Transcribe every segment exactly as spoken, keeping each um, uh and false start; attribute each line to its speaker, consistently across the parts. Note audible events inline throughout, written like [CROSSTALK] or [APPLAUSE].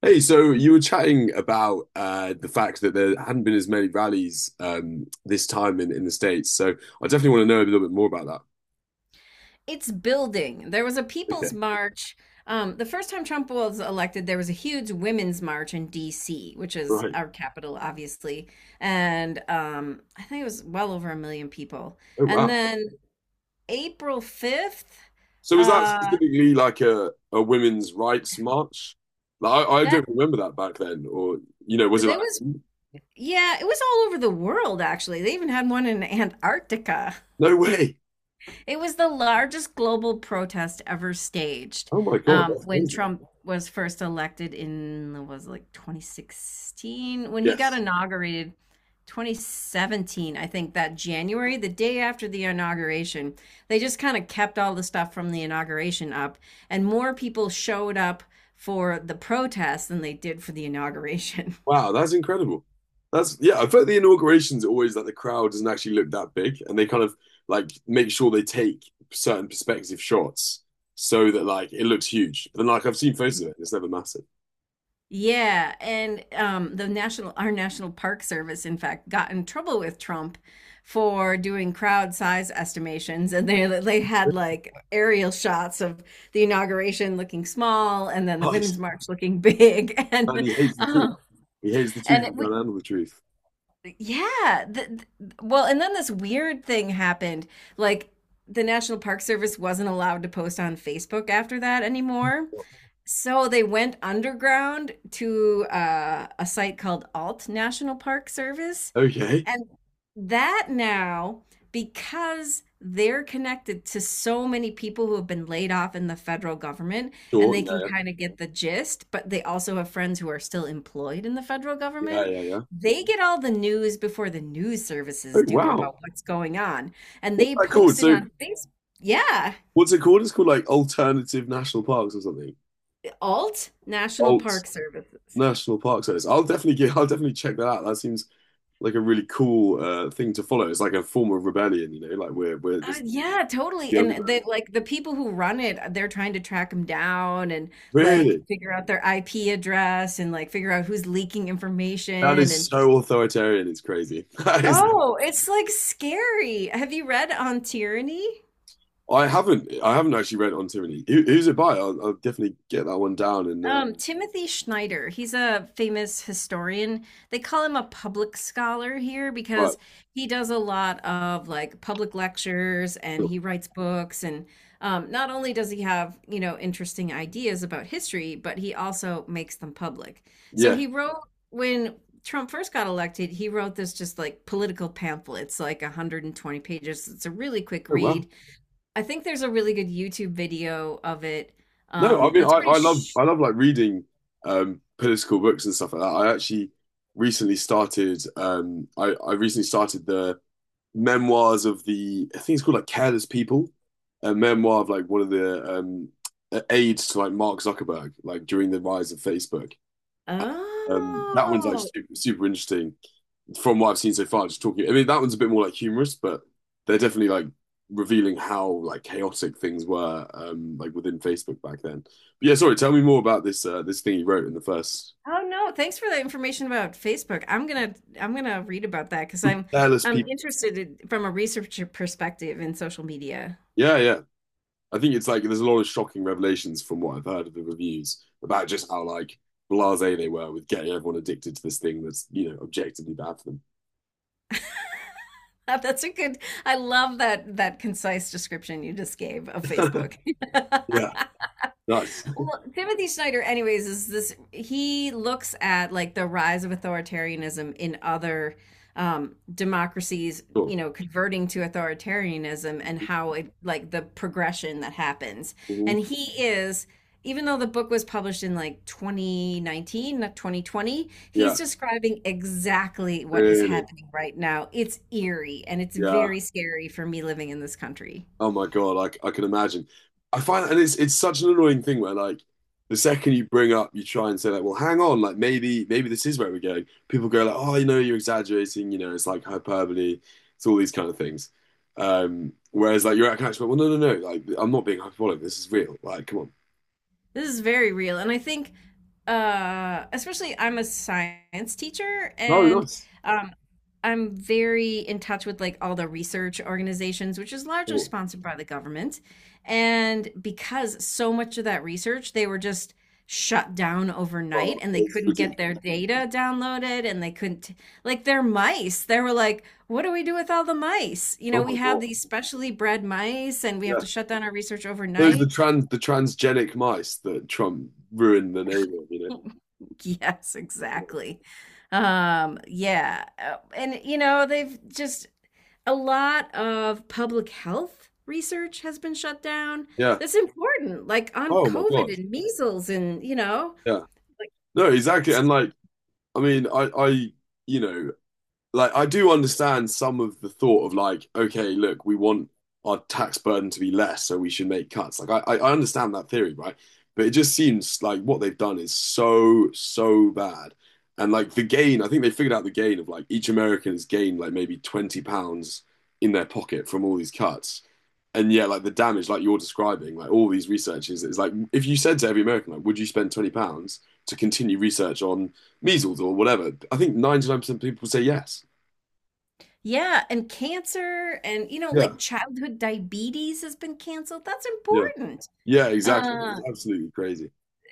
Speaker 1: Hey, so you were chatting about uh, the fact that there hadn't been as many rallies um, this time in, in the States. So I definitely want to know a little bit more about that.
Speaker 2: It's building. There was a People's
Speaker 1: Okay,
Speaker 2: March. Um, the first time Trump was elected, there was a huge women's march in D C, which is
Speaker 1: right.
Speaker 2: our capital, obviously, and um, I think it was well over a million people.
Speaker 1: Oh,
Speaker 2: And
Speaker 1: wow.
Speaker 2: then April fifth,
Speaker 1: So was that
Speaker 2: uh,
Speaker 1: specifically like a, a women's rights march? Like, I, I don't
Speaker 2: that
Speaker 1: remember that back then. Or, you know, was it like,
Speaker 2: there was, yeah, it was all over the world, actually. They even had one in Antarctica.
Speaker 1: no way?
Speaker 2: It was the largest global protest ever staged
Speaker 1: Oh my God,
Speaker 2: um,
Speaker 1: that's
Speaker 2: when
Speaker 1: amazing.
Speaker 2: Trump was first elected in was it like twenty sixteen when he got
Speaker 1: Yes.
Speaker 2: inaugurated twenty seventeen I think that January, the day after the inauguration they just kind of kept all the stuff from the inauguration up and more people showed up for the protest than they did for the inauguration.
Speaker 1: Wow, that's incredible. That's yeah, I bet the inauguration's are always like the crowd doesn't actually look that big, and they kind of like make sure they take certain perspective shots so that like it looks huge. But then like I've seen photos of it, it's never massive.
Speaker 2: Yeah, and um, the national our National Park Service, in fact, got in trouble with Trump for doing crowd size estimations, and they they had like aerial shots of the inauguration looking small, and then the Women's
Speaker 1: Nice.
Speaker 2: March looking big, [LAUGHS]
Speaker 1: And
Speaker 2: and
Speaker 1: he hates the truth.
Speaker 2: um,
Speaker 1: He hates the
Speaker 2: and
Speaker 1: truth. He
Speaker 2: it-
Speaker 1: can't
Speaker 2: we
Speaker 1: handle the truth.
Speaker 2: yeah, the, the- well, and then this weird thing happened, like the National Park Service wasn't allowed to post on Facebook after that anymore. So they went underground to uh, a site called Alt National Park Service.
Speaker 1: Okay.
Speaker 2: And that now, because they're connected to so many people who have been laid off in the federal government, and
Speaker 1: Sure.
Speaker 2: they can
Speaker 1: Yeah.
Speaker 2: kind of get the gist, but they also have friends who are still employed in the federal
Speaker 1: Yeah. Yeah.
Speaker 2: government.
Speaker 1: Yeah. Yeah.
Speaker 2: They get all the news before the news
Speaker 1: Oh
Speaker 2: services do
Speaker 1: wow.
Speaker 2: about what's going on. And
Speaker 1: What's
Speaker 2: they
Speaker 1: that called?
Speaker 2: post it
Speaker 1: So
Speaker 2: on Facebook. Yeah,
Speaker 1: what's it called? It's called like alternative national parks or something.
Speaker 2: Alt National
Speaker 1: Alt
Speaker 2: Park Services.
Speaker 1: National Park Service. I'll definitely get I'll definitely check that out. That seems like a really cool uh, thing to follow. It's like a form of rebellion, you know, like we're we're
Speaker 2: Uh,
Speaker 1: this,
Speaker 2: yeah, totally.
Speaker 1: the
Speaker 2: And
Speaker 1: underground.
Speaker 2: the like the people who run it, uh, they're trying to track them down and like
Speaker 1: Really?
Speaker 2: figure out their I P address and like figure out who's leaking
Speaker 1: That
Speaker 2: information
Speaker 1: is
Speaker 2: and
Speaker 1: so authoritarian. It's crazy. [LAUGHS] That is,
Speaker 2: oh, it's like scary. Have you read On Tyranny?
Speaker 1: I haven't I haven't actually read On Tyranny. Who, who's it by? I'll, I'll definitely get that one down and uh,
Speaker 2: Um, Timothy Schneider, he's a famous historian. They call him a public scholar here
Speaker 1: right.
Speaker 2: because he does a lot of like public lectures and
Speaker 1: Cool.
Speaker 2: he writes books. And um, not only does he have, you know, interesting ideas about history, but he also makes them public. So
Speaker 1: Yeah.
Speaker 2: he wrote, when Trump first got elected, he wrote this just like political pamphlet. It's like one hundred twenty pages. It's a really quick
Speaker 1: Oh well.
Speaker 2: read. I think there's a really good YouTube video of it
Speaker 1: No, I
Speaker 2: um,
Speaker 1: mean I,
Speaker 2: that's pretty
Speaker 1: I love I love like reading um political books and stuff like that. I actually recently started um I, I recently started the memoirs of the I think it's called like Careless People, a memoir of like one of the um aides to like Mark Zuckerberg, like during the rise of Facebook. Um, that one's like
Speaker 2: Oh.
Speaker 1: super, super interesting from what I've seen so far. Just talking, I mean, that one's a bit more like humorous, but they're definitely like revealing how like chaotic things were um like within Facebook back then. But yeah, sorry, tell me more about this uh this thing you wrote in the first
Speaker 2: Oh, no, thanks for that information about Facebook. I'm gonna I'm gonna read about that because I 'cause I'm
Speaker 1: Careless
Speaker 2: I'm
Speaker 1: People.
Speaker 2: interested in, from a researcher perspective in social media.
Speaker 1: Yeah, yeah. I think it's like there's a lot of shocking revelations from what I've heard of the reviews about just how like blasé they were with getting everyone addicted to this thing that's you know objectively bad for
Speaker 2: [LAUGHS] That's a good, I love that that concise description you just gave of
Speaker 1: them.
Speaker 2: Facebook. [LAUGHS]
Speaker 1: [LAUGHS] Yeah. Nice,
Speaker 2: Well, Timothy Snyder, anyways, is this he looks at like the rise of authoritarianism in other um, democracies,
Speaker 1: cool,
Speaker 2: you know, converting to authoritarianism and how it like the progression that happens.
Speaker 1: hmm,
Speaker 2: And he is, even though the book was published in like twenty nineteen, not twenty twenty,
Speaker 1: yeah,
Speaker 2: he's describing exactly what is
Speaker 1: really,
Speaker 2: happening right now. It's eerie and it's
Speaker 1: yeah.
Speaker 2: very scary for me living in this country.
Speaker 1: Oh my God, like I can imagine. I find, and it's it's such an annoying thing where like the second you bring up, you try and say like, well, hang on, like maybe maybe this is where we're going. People go like, oh, you know, you're exaggerating, you know, it's like hyperbole, it's all these kind of things. Um, whereas like you're at catch, well, no, no, no, like I'm not being hyperbolic. This is real. Like, come on.
Speaker 2: This is very real. And I think, uh, especially I'm a science teacher
Speaker 1: No,
Speaker 2: and
Speaker 1: nice.
Speaker 2: um, I'm very in touch with like all the research organizations, which is largely
Speaker 1: Sure.
Speaker 2: sponsored by the government. And because so much of that research, they were just shut down
Speaker 1: Oh,
Speaker 2: overnight and they
Speaker 1: it's
Speaker 2: couldn't get their
Speaker 1: ridiculous.
Speaker 2: data downloaded and they couldn't, like their mice, they were like, what do we do with all the mice? You
Speaker 1: Oh
Speaker 2: know,
Speaker 1: my
Speaker 2: we have
Speaker 1: God.
Speaker 2: these specially bred mice and we have
Speaker 1: Yeah.
Speaker 2: to shut down our research
Speaker 1: Those are the
Speaker 2: overnight.
Speaker 1: trans the transgenic mice that Trump ruined the name of, you know.
Speaker 2: [LAUGHS] Yes, exactly. Um, yeah, uh, and you know, they've just a lot of public health research has been shut down.
Speaker 1: Yeah.
Speaker 2: That's important, like on
Speaker 1: Oh my God.
Speaker 2: COVID and measles and, you know,
Speaker 1: Yeah. No, exactly. And like I mean, I, I, you know, like I do understand some of the thought of like, okay, look, we want our tax burden to be less, so we should make cuts. Like, I, I I understand that theory, right? But it just seems like what they've done is so, so bad. And like the gain, I think they figured out the gain of like each American has gained like maybe twenty pounds in their pocket from all these cuts, and yeah, like the damage, like you're describing, like all these researchers, it's like if you said to every American, like, would you spend twenty pounds to continue research on measles or whatever? I think ninety nine percent of people would say yes.
Speaker 2: yeah, and cancer and, you know,
Speaker 1: Yeah,
Speaker 2: like childhood diabetes has been canceled. That's
Speaker 1: yeah,
Speaker 2: important.
Speaker 1: yeah, exactly. It's
Speaker 2: Uh,
Speaker 1: absolutely crazy.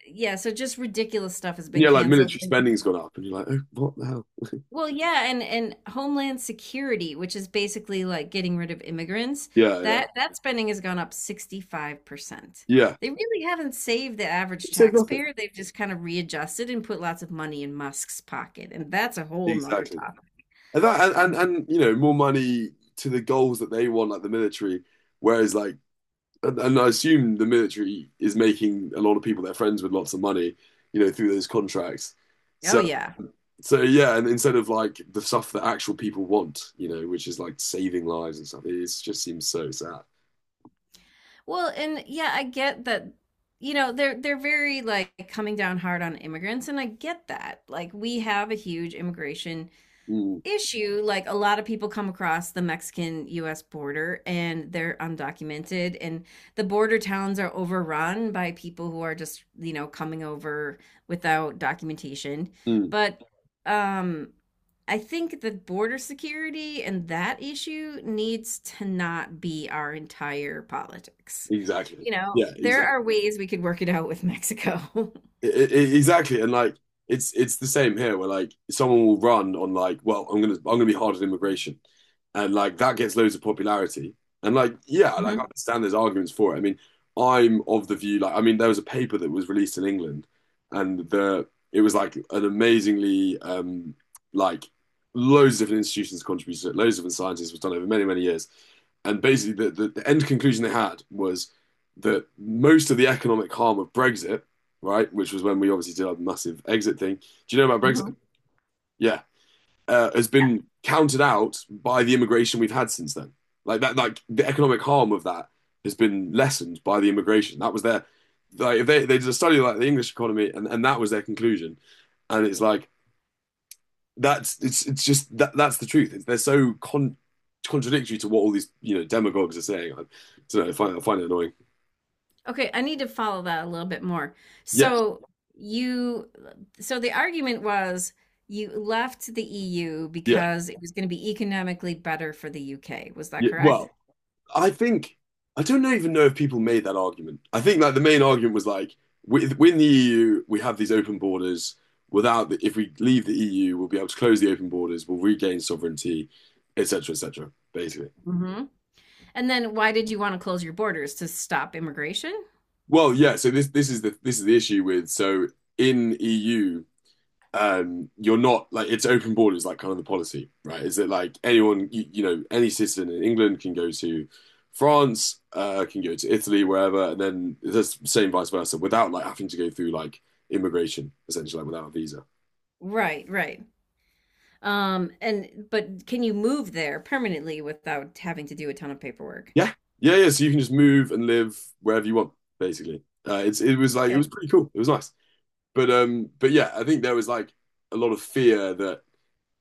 Speaker 2: yeah, so just ridiculous stuff has
Speaker 1: And
Speaker 2: been
Speaker 1: yeah, like
Speaker 2: canceled.
Speaker 1: military spending's gone up, and you're like, oh, what the hell? [LAUGHS]
Speaker 2: Well, yeah, and and Homeland Security, which is basically like getting rid of immigrants,
Speaker 1: Yeah, yeah,
Speaker 2: that that spending has gone up sixty-five percent.
Speaker 1: yeah.
Speaker 2: They really haven't saved the average
Speaker 1: Save nothing.
Speaker 2: taxpayer. They've just kind of readjusted and put lots of money in Musk's pocket, and that's a whole nother
Speaker 1: Exactly.
Speaker 2: topic.
Speaker 1: And that, and, and and you know, more money to the goals that they want, like the military. Whereas, like And, and I assume the military is making a lot of people their friends with lots of money, you know, through those contracts.
Speaker 2: Oh
Speaker 1: So,
Speaker 2: yeah.
Speaker 1: so yeah, and instead of like the stuff that actual people want, you know, which is like saving lives and stuff, it is- just seems so sad.
Speaker 2: Well, and yeah, I get that, you know, they're they're very like coming down hard on immigrants, and I get that. Like we have a huge immigration
Speaker 1: Mm,
Speaker 2: issue, like a lot of people come across the Mexican U S border and they're undocumented and the border towns are overrun by people who are just, you know, coming over without documentation.
Speaker 1: mm,
Speaker 2: But um I think that border security and that issue needs to not be our entire politics.
Speaker 1: exactly.
Speaker 2: You know,
Speaker 1: Yeah,
Speaker 2: there
Speaker 1: exactly.
Speaker 2: are ways we could work it out with Mexico. [LAUGHS]
Speaker 1: I- I- exactly, and like it's it's the same here, where like someone will run on like, well, I'm gonna I'm gonna be hard on immigration, and like that gets loads of popularity, and like yeah, like I
Speaker 2: Mhm,
Speaker 1: understand there's arguments for it. I mean, I'm of the view like I mean, there was a paper that was released in England, and the it was like an amazingly um like loads of different institutions contributed to it, loads of different scientists was done over many many years, and basically the, the the end conclusion they had was that most of the economic harm of Brexit, right? Which was when we obviously did our massive exit thing. Do you know about
Speaker 2: mhm.
Speaker 1: Brexit? Yeah, uh, has been counted out by the immigration we've had since then. Like that, like the economic harm of that has been lessened by the immigration. That was their like if they they did a study like the English economy, and, and that was their conclusion. And it's like that's it's it's just that that's the truth. It's, they're so con contradictory to what all these you know demagogues are saying. I don't know. I find, I find it annoying.
Speaker 2: Okay, I need to follow that a little bit more.
Speaker 1: Yes.
Speaker 2: So you, so the argument was you left the E U
Speaker 1: Yeah.
Speaker 2: because it was going to be economically better for the U K. Was that
Speaker 1: Yeah.
Speaker 2: correct?
Speaker 1: Well, I think I don't even know if people made that argument. I think like the main argument was like with, within the E U we have these open borders. Without the, if we leave the E U, we'll be able to close the open borders. We'll regain sovereignty, et cetera, et cetera basically,
Speaker 2: Hmm. And then why did you want to close your borders to stop immigration?
Speaker 1: well, yeah. So this this is the this is the issue with so in E U um, you're not like it's open borders, like kind of the policy, right? Is it like anyone, you, you know, any citizen in England can go to France, uh, can go to Italy, wherever, and then the same vice versa, without like having to go through like immigration, essentially, like without a visa.
Speaker 2: Right, right. Um, and but can you move there permanently without having to do a ton of paperwork?
Speaker 1: Yeah, yeah, yeah. So you can just move and live wherever you want, basically. Uh, it's it was like it was pretty cool. It was nice, but um, but yeah, I think there was like a lot of fear that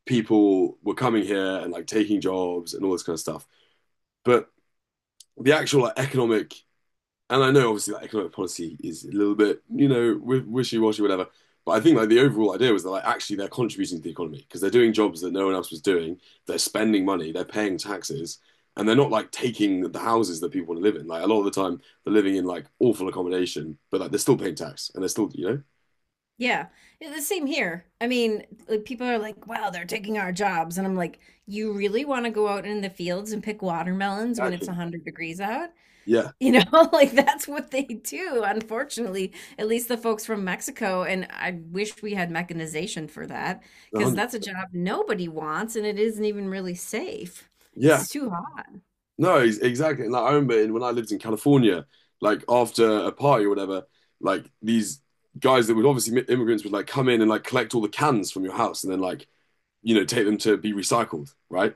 Speaker 1: people were coming here and like taking jobs and all this kind of stuff, but the actual like, economic, and I know obviously that economic policy is a little bit, you know, wishy-washy, whatever. But I think like the overall idea was that like actually they're contributing to the economy because they're doing jobs that no one else was doing. They're spending money, they're paying taxes, and they're not like taking the houses that people want to live in. Like a lot of the time, they're living in like awful accommodation, but like they're still paying tax and they're still, you know.
Speaker 2: Yeah. Yeah, the same here. I mean, like, people are like, wow, they're taking our jobs. And I'm like, you really want to go out in the fields and pick watermelons when it's
Speaker 1: Exactly.
Speaker 2: one hundred degrees out?
Speaker 1: Yeah,
Speaker 2: You know, [LAUGHS] like that's what they do, unfortunately, at least the folks from Mexico. And I wish we had mechanization for that because
Speaker 1: one hundred.
Speaker 2: that's a job nobody wants and it isn't even really safe.
Speaker 1: Yeah,
Speaker 2: It's too hot.
Speaker 1: no, ex- exactly. And like, I remember in, when I lived in California, like after a party or whatever, like these guys that would obviously mi- immigrants would like come in and like collect all the cans from your house and then like you know take them to be recycled, right?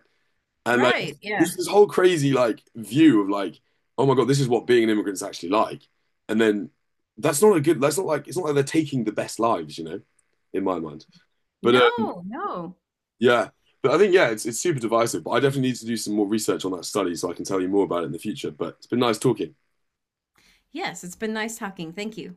Speaker 1: And like
Speaker 2: Right. Yeah.
Speaker 1: this this whole crazy like view of like oh my God, this is what being an immigrant's actually like. And then that's not a good. That's not like it's not like they're taking the best lives, you know, in my mind. But
Speaker 2: No,
Speaker 1: uh,
Speaker 2: no.
Speaker 1: yeah. But I think, yeah, it's, it's super divisive. But I definitely need to do some more research on that study so I can tell you more about it in the future. But it's been nice talking.
Speaker 2: Yes, it's been nice talking. Thank you.